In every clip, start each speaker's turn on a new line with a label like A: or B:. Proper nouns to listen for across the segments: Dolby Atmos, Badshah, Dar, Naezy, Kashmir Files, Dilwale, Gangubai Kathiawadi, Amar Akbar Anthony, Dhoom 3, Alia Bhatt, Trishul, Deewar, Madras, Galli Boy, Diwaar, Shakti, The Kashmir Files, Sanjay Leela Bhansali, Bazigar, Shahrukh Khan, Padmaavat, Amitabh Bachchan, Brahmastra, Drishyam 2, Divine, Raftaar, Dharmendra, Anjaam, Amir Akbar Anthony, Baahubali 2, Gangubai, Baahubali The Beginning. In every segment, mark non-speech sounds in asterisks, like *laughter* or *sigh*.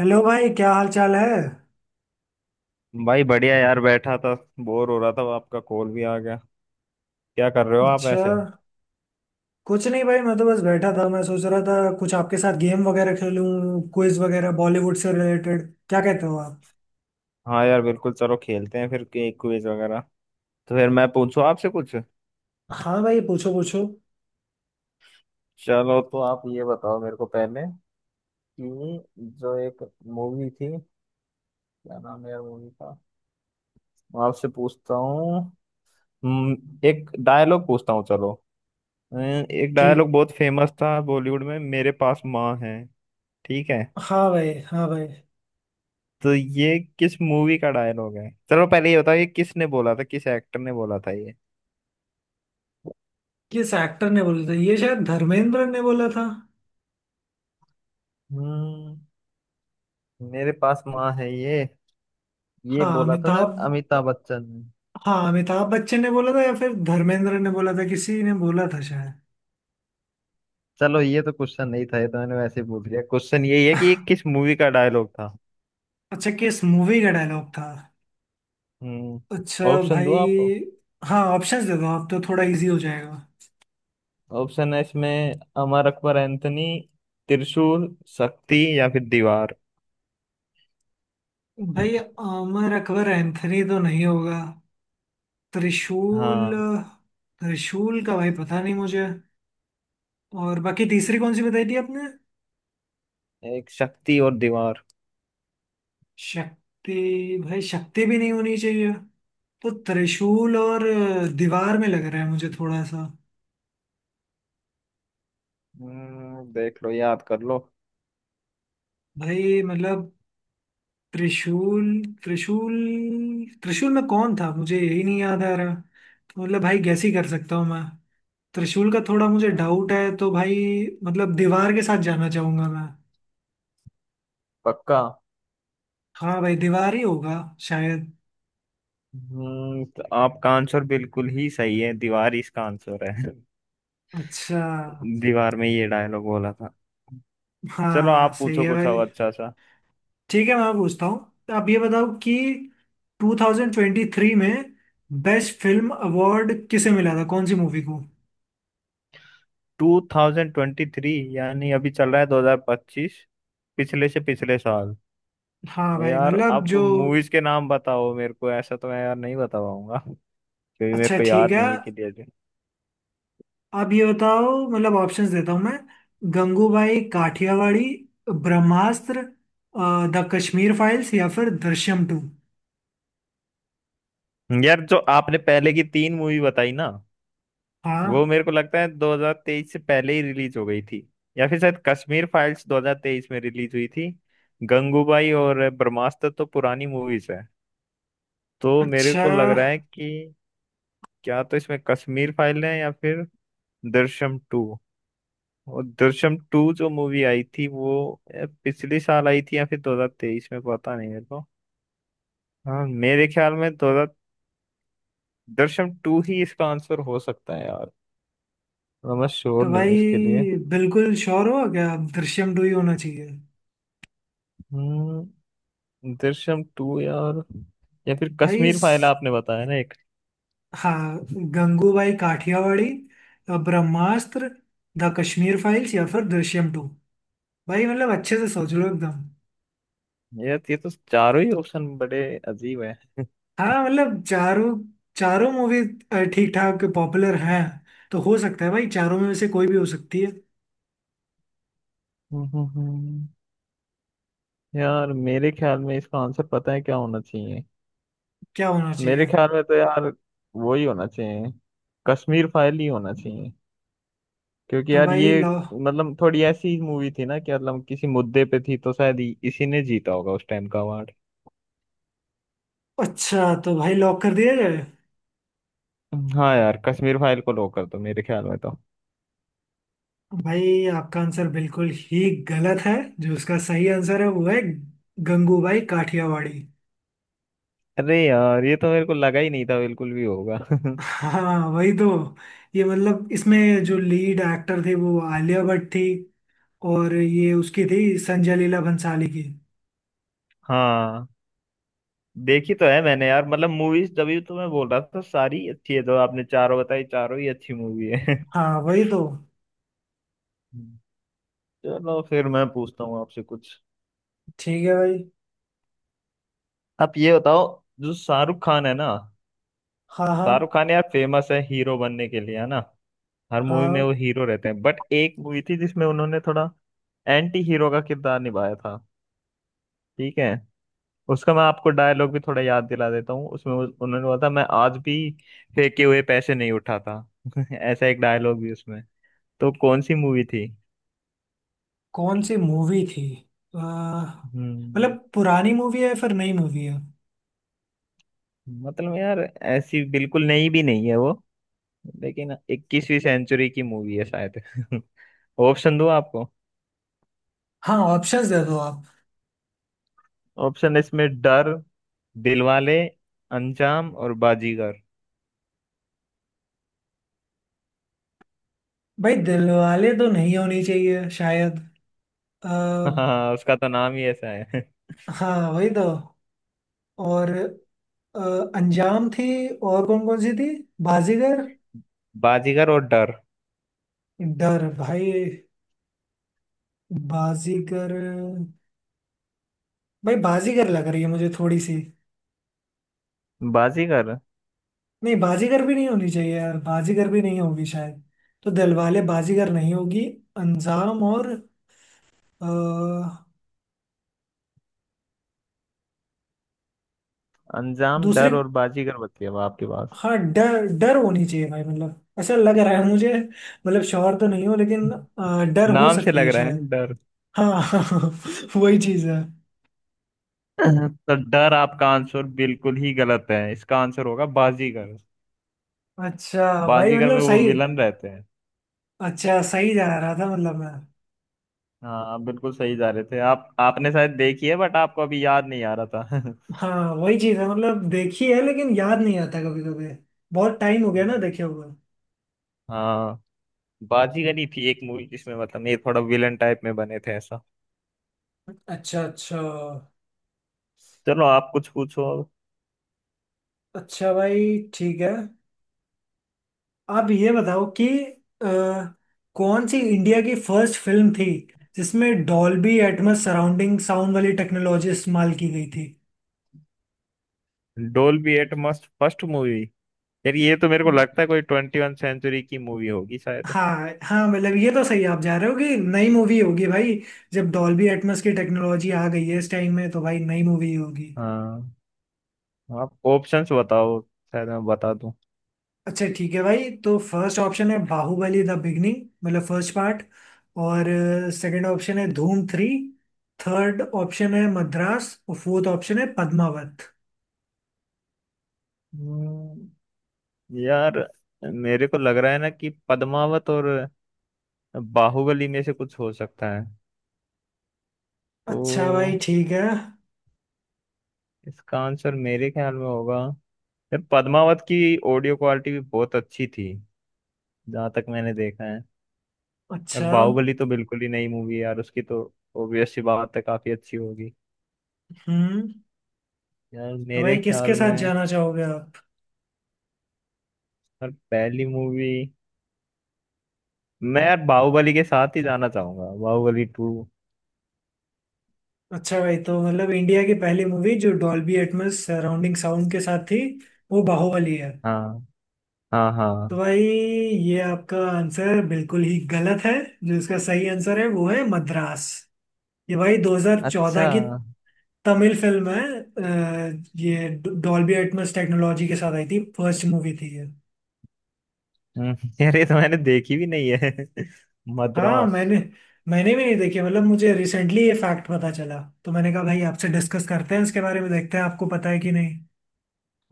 A: Hello भाई, क्या हाल चाल है।
B: भाई, बढ़िया यार बैठा था। बोर हो रहा था, आपका कॉल भी आ गया। क्या कर रहे हो आप
A: अच्छा।
B: ऐसे?
A: कुछ नहीं भाई, मैं तो बस बैठा था। मैं सोच रहा था कुछ आपके साथ गेम वगैरह खेलूं, क्विज वगैरह बॉलीवुड से रिलेटेड। क्या कहते हो आप?
B: हाँ यार, बिल्कुल चलो खेलते हैं फिर एक क्विज वगैरह। तो फिर मैं पूछूं आपसे कुछ?
A: हाँ भाई, पूछो पूछो।
B: चलो, तो आप ये बताओ मेरे को पहले कि जो एक मूवी थी, क्या नाम है यार मूवी का? मैं आपसे पूछता हूँ। हम्म, एक डायलॉग पूछता हूँ चलो। अम, एक
A: ठीक।
B: डायलॉग बहुत फेमस था बॉलीवुड में, मेरे पास माँ है। ठीक है।
A: हाँ भाई, हाँ भाई।
B: तो ये किस मूवी का डायलॉग है? चलो पहले ये बताओ, ये किसने बोला था, किस एक्टर ने बोला था ये?
A: किस एक्टर ने बोला था ये? शायद धर्मेंद्र ने बोला था।
B: हम्म। मेरे पास माँ है ये
A: हाँ
B: बोला था शायद
A: अमिताभ।
B: अमिताभ बच्चन ने।
A: हाँ, अमिताभ बच्चन ने बोला था या फिर धर्मेंद्र ने बोला था, किसी ने बोला था शायद।
B: चलो, ये तो क्वेश्चन नहीं था, ये तो मैंने वैसे ही पूछ लिया। क्वेश्चन यही है कि ये
A: *laughs*
B: किस मूवी का डायलॉग था।
A: अच्छा, किस मूवी का डायलॉग था?
B: हम्म।
A: अच्छा
B: ऑप्शन दो
A: भाई।
B: आप।
A: हाँ, ऑप्शंस दे दो, आप तो थोड़ा इजी हो जाएगा।
B: ऑप्शन है इसमें अमर अकबर एंथनी, त्रिशूल, शक्ति या फिर दीवार।
A: भाई आमिर अकबर एंथनी तो नहीं होगा। त्रिशूल।
B: हाँ,
A: त्रिशूल का भाई पता नहीं मुझे। और बाकी तीसरी कौन सी बताई थी आपने?
B: एक शक्ति और दीवार।
A: शक्ति। भाई शक्ति भी नहीं होनी चाहिए। तो त्रिशूल और दीवार में लग रहा है मुझे थोड़ा सा।
B: हम्म। देख लो, याद कर लो।
A: भाई मतलब त्रिशूल, त्रिशूल, त्रिशूल में कौन था मुझे यही नहीं याद आ रहा, तो मतलब भाई गैस ही कर सकता हूँ मैं। त्रिशूल का थोड़ा मुझे
B: हाँ,
A: डाउट है तो भाई, मतलब दीवार के साथ जाना चाहूंगा मैं।
B: पक्का?
A: हाँ भाई, दीवार ही होगा शायद।
B: तो आपका आंसर बिल्कुल ही सही है, दीवार इसका आंसर है।
A: अच्छा।
B: *laughs* दीवार में ये डायलॉग बोला था।
A: हाँ
B: चलो
A: हाँ,
B: आप
A: सही
B: पूछो
A: है
B: कुछ
A: भाई।
B: अब अच्छा सा।
A: ठीक है, मैं पूछता हूँ। आप ये बताओ कि 2023 में बेस्ट फिल्म अवार्ड किसे मिला था, कौन सी मूवी को?
B: 2023? यानी अभी चल रहा है 2025, पिछले से पिछले साल।
A: हाँ भाई
B: यार
A: मतलब
B: आप
A: जो।
B: मूवीज के नाम बताओ मेरे को, ऐसा तो मैं यार नहीं बता पाऊंगा, क्योंकि मेरे
A: अच्छा
B: को
A: ठीक
B: याद
A: है,
B: नहीं है कि।
A: आप ये बताओ, मतलब ऑप्शंस देता हूँ मैं। गंगूबाई काठियावाड़ी, ब्रह्मास्त्र, द कश्मीर फाइल्स या फिर दृश्यम टू।
B: यार जो आपने पहले की तीन मूवी बताई ना, वो
A: हाँ।
B: मेरे को लगता है 2023 से पहले ही रिलीज हो गई थी। या फिर शायद कश्मीर फाइल्स 2023 में रिलीज हुई थी। गंगूबाई और ब्रह्मास्त्र तो पुरानी मूवीज है। तो मेरे
A: अच्छा,
B: को लग रहा है कि। क्या तो इसमें कश्मीर फाइल है या फिर दृश्यम टू। और दृश्यम टू जो मूवी आई थी वो पिछले साल आई थी या फिर 2023 में, पता नहीं मेरे को। हाँ, मेरे ख्याल में 2000। दृश्यम टू ही इसका आंसर हो सकता है यार, तो मैं श्योर
A: तो
B: नहीं हूँ
A: भाई
B: इसके लिए।
A: बिल्कुल श्योर हो क्या अब, दृश्यम टू ही होना चाहिए?
B: हम्म दृश्यम टू यार, या फिर
A: भाई
B: कश्मीर फाइल
A: इस-
B: आपने बताया ना एक।
A: हाँ। गंगूबाई काठियावाड़ी, ब्रह्मास्त्र, द कश्मीर फाइल्स या फिर दृश्यम टू। भाई मतलब अच्छे से सोच लो एकदम।
B: यार ये तो चारों ही ऑप्शन बड़े अजीब है।
A: हाँ मतलब चारों चारों मूवी ठीक ठाक पॉपुलर हैं, तो हो सकता है भाई चारों में से कोई भी हो सकती है।
B: हम्म, हम्म, हम्म। यार मेरे ख्याल में इसका आंसर पता है क्या होना चाहिए?
A: क्या होना चाहिए?
B: मेरे ख्याल में तो यार वो ही होना चाहिए, कश्मीर फाइल ही होना चाहिए। क्योंकि
A: तो
B: यार
A: भाई
B: ये
A: लॉ-
B: मतलब थोड़ी ऐसी मूवी थी ना कि मतलब किसी मुद्दे पे थी, तो इसी ने जीता होगा उस टाइम का अवार्ड।
A: अच्छा, तो भाई लॉक कर दिया जाए?
B: हाँ यार, कश्मीर फाइल को लॉक कर दो मेरे ख्याल में तो।
A: भाई आपका आंसर बिल्कुल ही गलत है। जो उसका सही आंसर है वो है गंगूबाई काठियावाड़ी।
B: अरे यार, ये तो मेरे को लगा ही नहीं था बिल्कुल भी होगा। *laughs*
A: हाँ वही तो। ये मतलब इसमें जो लीड एक्टर थे वो आलिया भट्ट थी, और ये उसकी थी संजय लीला भंसाली की।
B: हाँ। देखी तो है मैंने यार मतलब मूवीज, तभी तो मैं बोल रहा था सारी अच्छी है, तो आपने चारों बताई, चारों ही अच्छी मूवी है।
A: हाँ वही तो।
B: हम्म। *laughs* चलो फिर मैं पूछता हूँ आपसे कुछ।
A: ठीक है भाई।
B: आप ये बताओ, जो शाहरुख खान है ना।
A: हाँ हाँ।
B: शाहरुख खान यार फेमस है हीरो बनने के लिए, है ना? हर मूवी में
A: हाँ,
B: वो हीरो रहते हैं, बट एक मूवी थी जिसमें उन्होंने थोड़ा एंटी हीरो का किरदार निभाया था। ठीक है। उसका मैं आपको डायलॉग भी थोड़ा याद दिला देता हूँ उसमें, उन्होंने बोला था मैं आज भी फेंके हुए पैसे नहीं उठाता। *laughs* ऐसा एक डायलॉग भी उसमें। तो कौन सी मूवी थी?
A: कौन सी मूवी थी?
B: हम्म
A: मतलब पुरानी मूवी है फिर नई मूवी है?
B: मतलब यार ऐसी बिल्कुल नई भी नहीं है वो, लेकिन 21वीं सेंचुरी की मूवी है शायद। *laughs* ऑप्शन दो आपको।
A: हाँ, ऑप्शंस दे दो आप।
B: ऑप्शन इसमें डर, दिलवाले, अंजाम और बाजीगर।
A: भाई दिलवाले तो नहीं होनी चाहिए शायद। आ,
B: *laughs* हाँ, उसका तो नाम ही ऐसा है। *laughs*
A: हाँ वही तो। और अ, अंजाम थी। और कौन कौन सी थी? बाजीगर।
B: बाजीगर और डर,
A: डर भाई, बाजीगर। भाई बाजीगर लग रही है मुझे थोड़ी सी।
B: बाजीगर।
A: नहीं, बाजीगर भी नहीं होनी चाहिए यार, बाजीगर भी नहीं होगी शायद। तो दिलवाले, बाजीगर नहीं होगी। अंजाम और
B: अंजाम,
A: दूसरे।
B: डर और बाजीगर बची है अब आपके पास।
A: हाँ, डर, डर होनी चाहिए भाई, मतलब ऐसा लग रहा है मुझे। मतलब श्योर तो नहीं हो, लेकिन डर हो
B: नाम से
A: सकती
B: लग
A: है
B: रहा है
A: शायद।
B: डर।
A: हाँ *laughs* हाँ, वही चीज है।
B: *clears throat* *laughs* तो डर आपका आंसर बिल्कुल ही गलत है, इसका आंसर होगा बाजीगर।
A: अच्छा भाई,
B: बाजीगर
A: मतलब
B: में वो
A: सही।
B: विलन रहते हैं।
A: अच्छा, सही जा रहा था मतलब मैं।
B: हाँ, आप बिल्कुल सही जा रहे थे, आप आपने शायद देखी है, बट आपको अभी याद नहीं आ रहा था। *laughs*
A: हाँ वही चीज है, मतलब देखी है लेकिन याद नहीं आता कभी कभी। बहुत टाइम हो गया ना
B: हम्म।
A: देखे हुए।
B: हाँ, बाजीगर ही थी एक मूवी जिसमें मतलब ये थोड़ा विलन टाइप में बने थे ऐसा।
A: अच्छा अच्छा।
B: चलो आप कुछ पूछो।
A: अच्छा भाई ठीक है। आप ये बताओ कि अ, कौन सी इंडिया की फर्स्ट फिल्म थी जिसमें डॉल्बी एटमॉस सराउंडिंग साउंड वाली टेक्नोलॉजी इस्तेमाल की गई थी?
B: Dolby Atmos first movie? यार ये तो मेरे को लगता है कोई ट्वेंटी वन सेंचुरी की मूवी होगी शायद।
A: हाँ हाँ, मतलब ये तो सही आप जा रहे हो कि नई मूवी होगी भाई। जब डॉल्बी एटमॉस की टेक्नोलॉजी आ गई है इस टाइम में तो भाई नई मूवी होगी।
B: हाँ, आप ऑप्शंस बताओ, शायद मैं बता दूं।
A: अच्छा ठीक है भाई, तो फर्स्ट ऑप्शन है बाहुबली द बिगनिंग, मतलब फर्स्ट पार्ट। और सेकंड ऑप्शन है धूम थ्री। थर्ड ऑप्शन है मद्रास, और फोर्थ ऑप्शन है पद्मावत।
B: हम्म, यार मेरे को लग रहा है ना कि पद्मावत और बाहुबली में से कुछ हो सकता है
A: अच्छा भाई
B: तो।
A: ठीक है।
B: इसका आंसर मेरे ख्याल में होगा। यार पद्मावत की ऑडियो क्वालिटी भी बहुत अच्छी थी जहाँ तक मैंने देखा है। और
A: अच्छा।
B: बाहुबली तो बिल्कुल ही नई मूवी है यार, उसकी तो ऑब्वियस सी बात है, काफी अच्छी होगी।
A: हम्म
B: यार
A: तो
B: मेरे
A: भाई
B: ख्याल
A: किसके साथ
B: में।
A: जाना चाहोगे आप?
B: यार पहली मूवी, मैं यार बाहुबली के साथ ही जाना चाहूंगा, बाहुबली टू।
A: अच्छा भाई, तो मतलब इंडिया की पहली मूवी जो डॉल्बी एटमॉस सराउंडिंग साउंड के साथ थी, वो बाहुबली है?
B: हाँ, हाँ, हाँ।
A: तो भाई, ये आपका आंसर बिल्कुल ही गलत है। जो इसका सही आंसर है वो है मद्रास। ये भाई 2014
B: अच्छा।
A: की तमिल फिल्म है, ये डॉल्बी एटमॉस टेक्नोलॉजी के साथ आई थी, फर्स्ट मूवी थी ये।
B: यार ये तो मैंने देखी भी नहीं है। *laughs*
A: हाँ
B: मद्रास।
A: मैंने मैंने भी नहीं देखी, मतलब मुझे रिसेंटली ये फैक्ट पता चला तो मैंने कहा भाई आपसे डिस्कस करते हैं इसके बारे में, देखते हैं आपको पता है कि नहीं।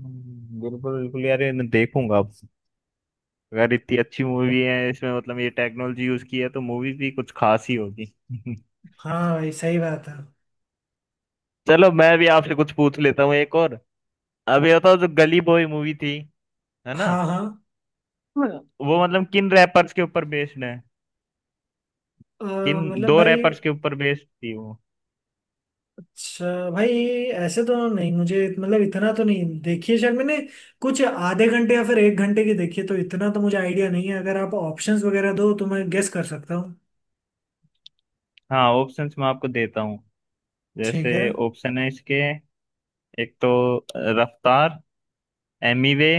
B: बिल्कुल बिल्कुल यार, ये मैं देखूंगा। अगर इतनी अच्छी मूवी है इसमें, मतलब ये टेक्नोलॉजी यूज की है, तो मूवीज भी कुछ खास ही होगी। *laughs*
A: हाँ भाई सही बात है।
B: चलो मैं भी आपसे कुछ पूछ लेता हूँ एक और। अब ये बताओ, जो गली बॉय मूवी थी, है ना?
A: हाँ हाँ।
B: वो मतलब किन रैपर्स के ऊपर बेस्ड है?
A: अ,
B: किन
A: मतलब
B: दो
A: भाई,
B: रैपर्स के ऊपर बेस्ड थी वो?
A: अच्छा भाई, ऐसे तो नहीं, मुझे मतलब इतना तो नहीं देखी है शायद मैंने। कुछ आधे घंटे या फिर एक घंटे की देखी है, तो इतना तो मुझे आइडिया नहीं है। अगर आप ऑप्शंस वगैरह दो तो मैं गेस कर सकता हूँ।
B: हाँ, ऑप्शंस मैं आपको देता हूँ।
A: ठीक है
B: जैसे ऑप्शन है इसके, एक तो रफ्तार, एमीवे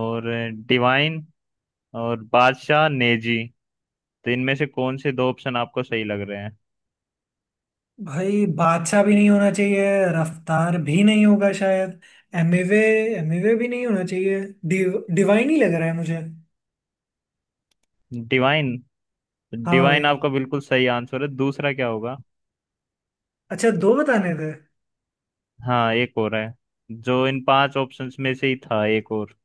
B: और डिवाइन, और बादशाह, नेजी। तो इनमें से कौन से दो ऑप्शन आपको सही लग रहे हैं?
A: भाई। बादशाह भी नहीं होना चाहिए, रफ्तार भी नहीं होगा शायद। एमिवे एमिवे भी नहीं होना चाहिए। डिवाइन ही लग रहा है मुझे।
B: डिवाइन।
A: हाँ
B: डिवाइन
A: भाई।
B: आपका बिल्कुल सही आंसर है, दूसरा क्या होगा?
A: अच्छा, दो बताने थे?
B: हाँ, एक और है, जो इन पांच ऑप्शंस में से ही था एक और।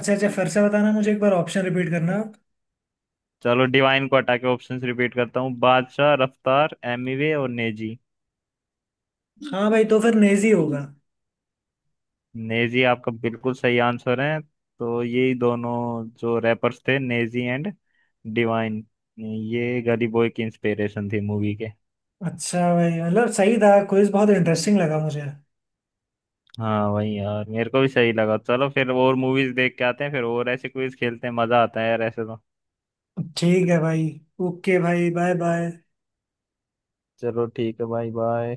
A: अच्छा अच्छा, फिर से बताना मुझे एक बार, ऑप्शन रिपीट करना आप।
B: चलो डिवाइन को हटा के ऑप्शंस रिपीट करता हूँ, बादशाह, रफ्तार, एमिवे और नेजी।
A: हाँ भाई, तो फिर नेजी होगा।
B: नेजी आपका बिल्कुल सही आंसर है। तो यही दोनों जो रैपर्स थे नेजी एंड डिवाइन, ये गली बॉय की इंस्पिरेशन थी मूवी के।
A: अच्छा भाई मतलब सही था, क्विज बहुत इंटरेस्टिंग लगा मुझे।
B: हाँ वही यार, मेरे को भी सही लगा। चलो फिर और मूवीज देख के आते हैं, फिर और ऐसे क्विज खेलते हैं, मजा आता है यार ऐसे तो।
A: ठीक है भाई। ओके भाई, बाय बाय।
B: चलो ठीक है भाई, बाय।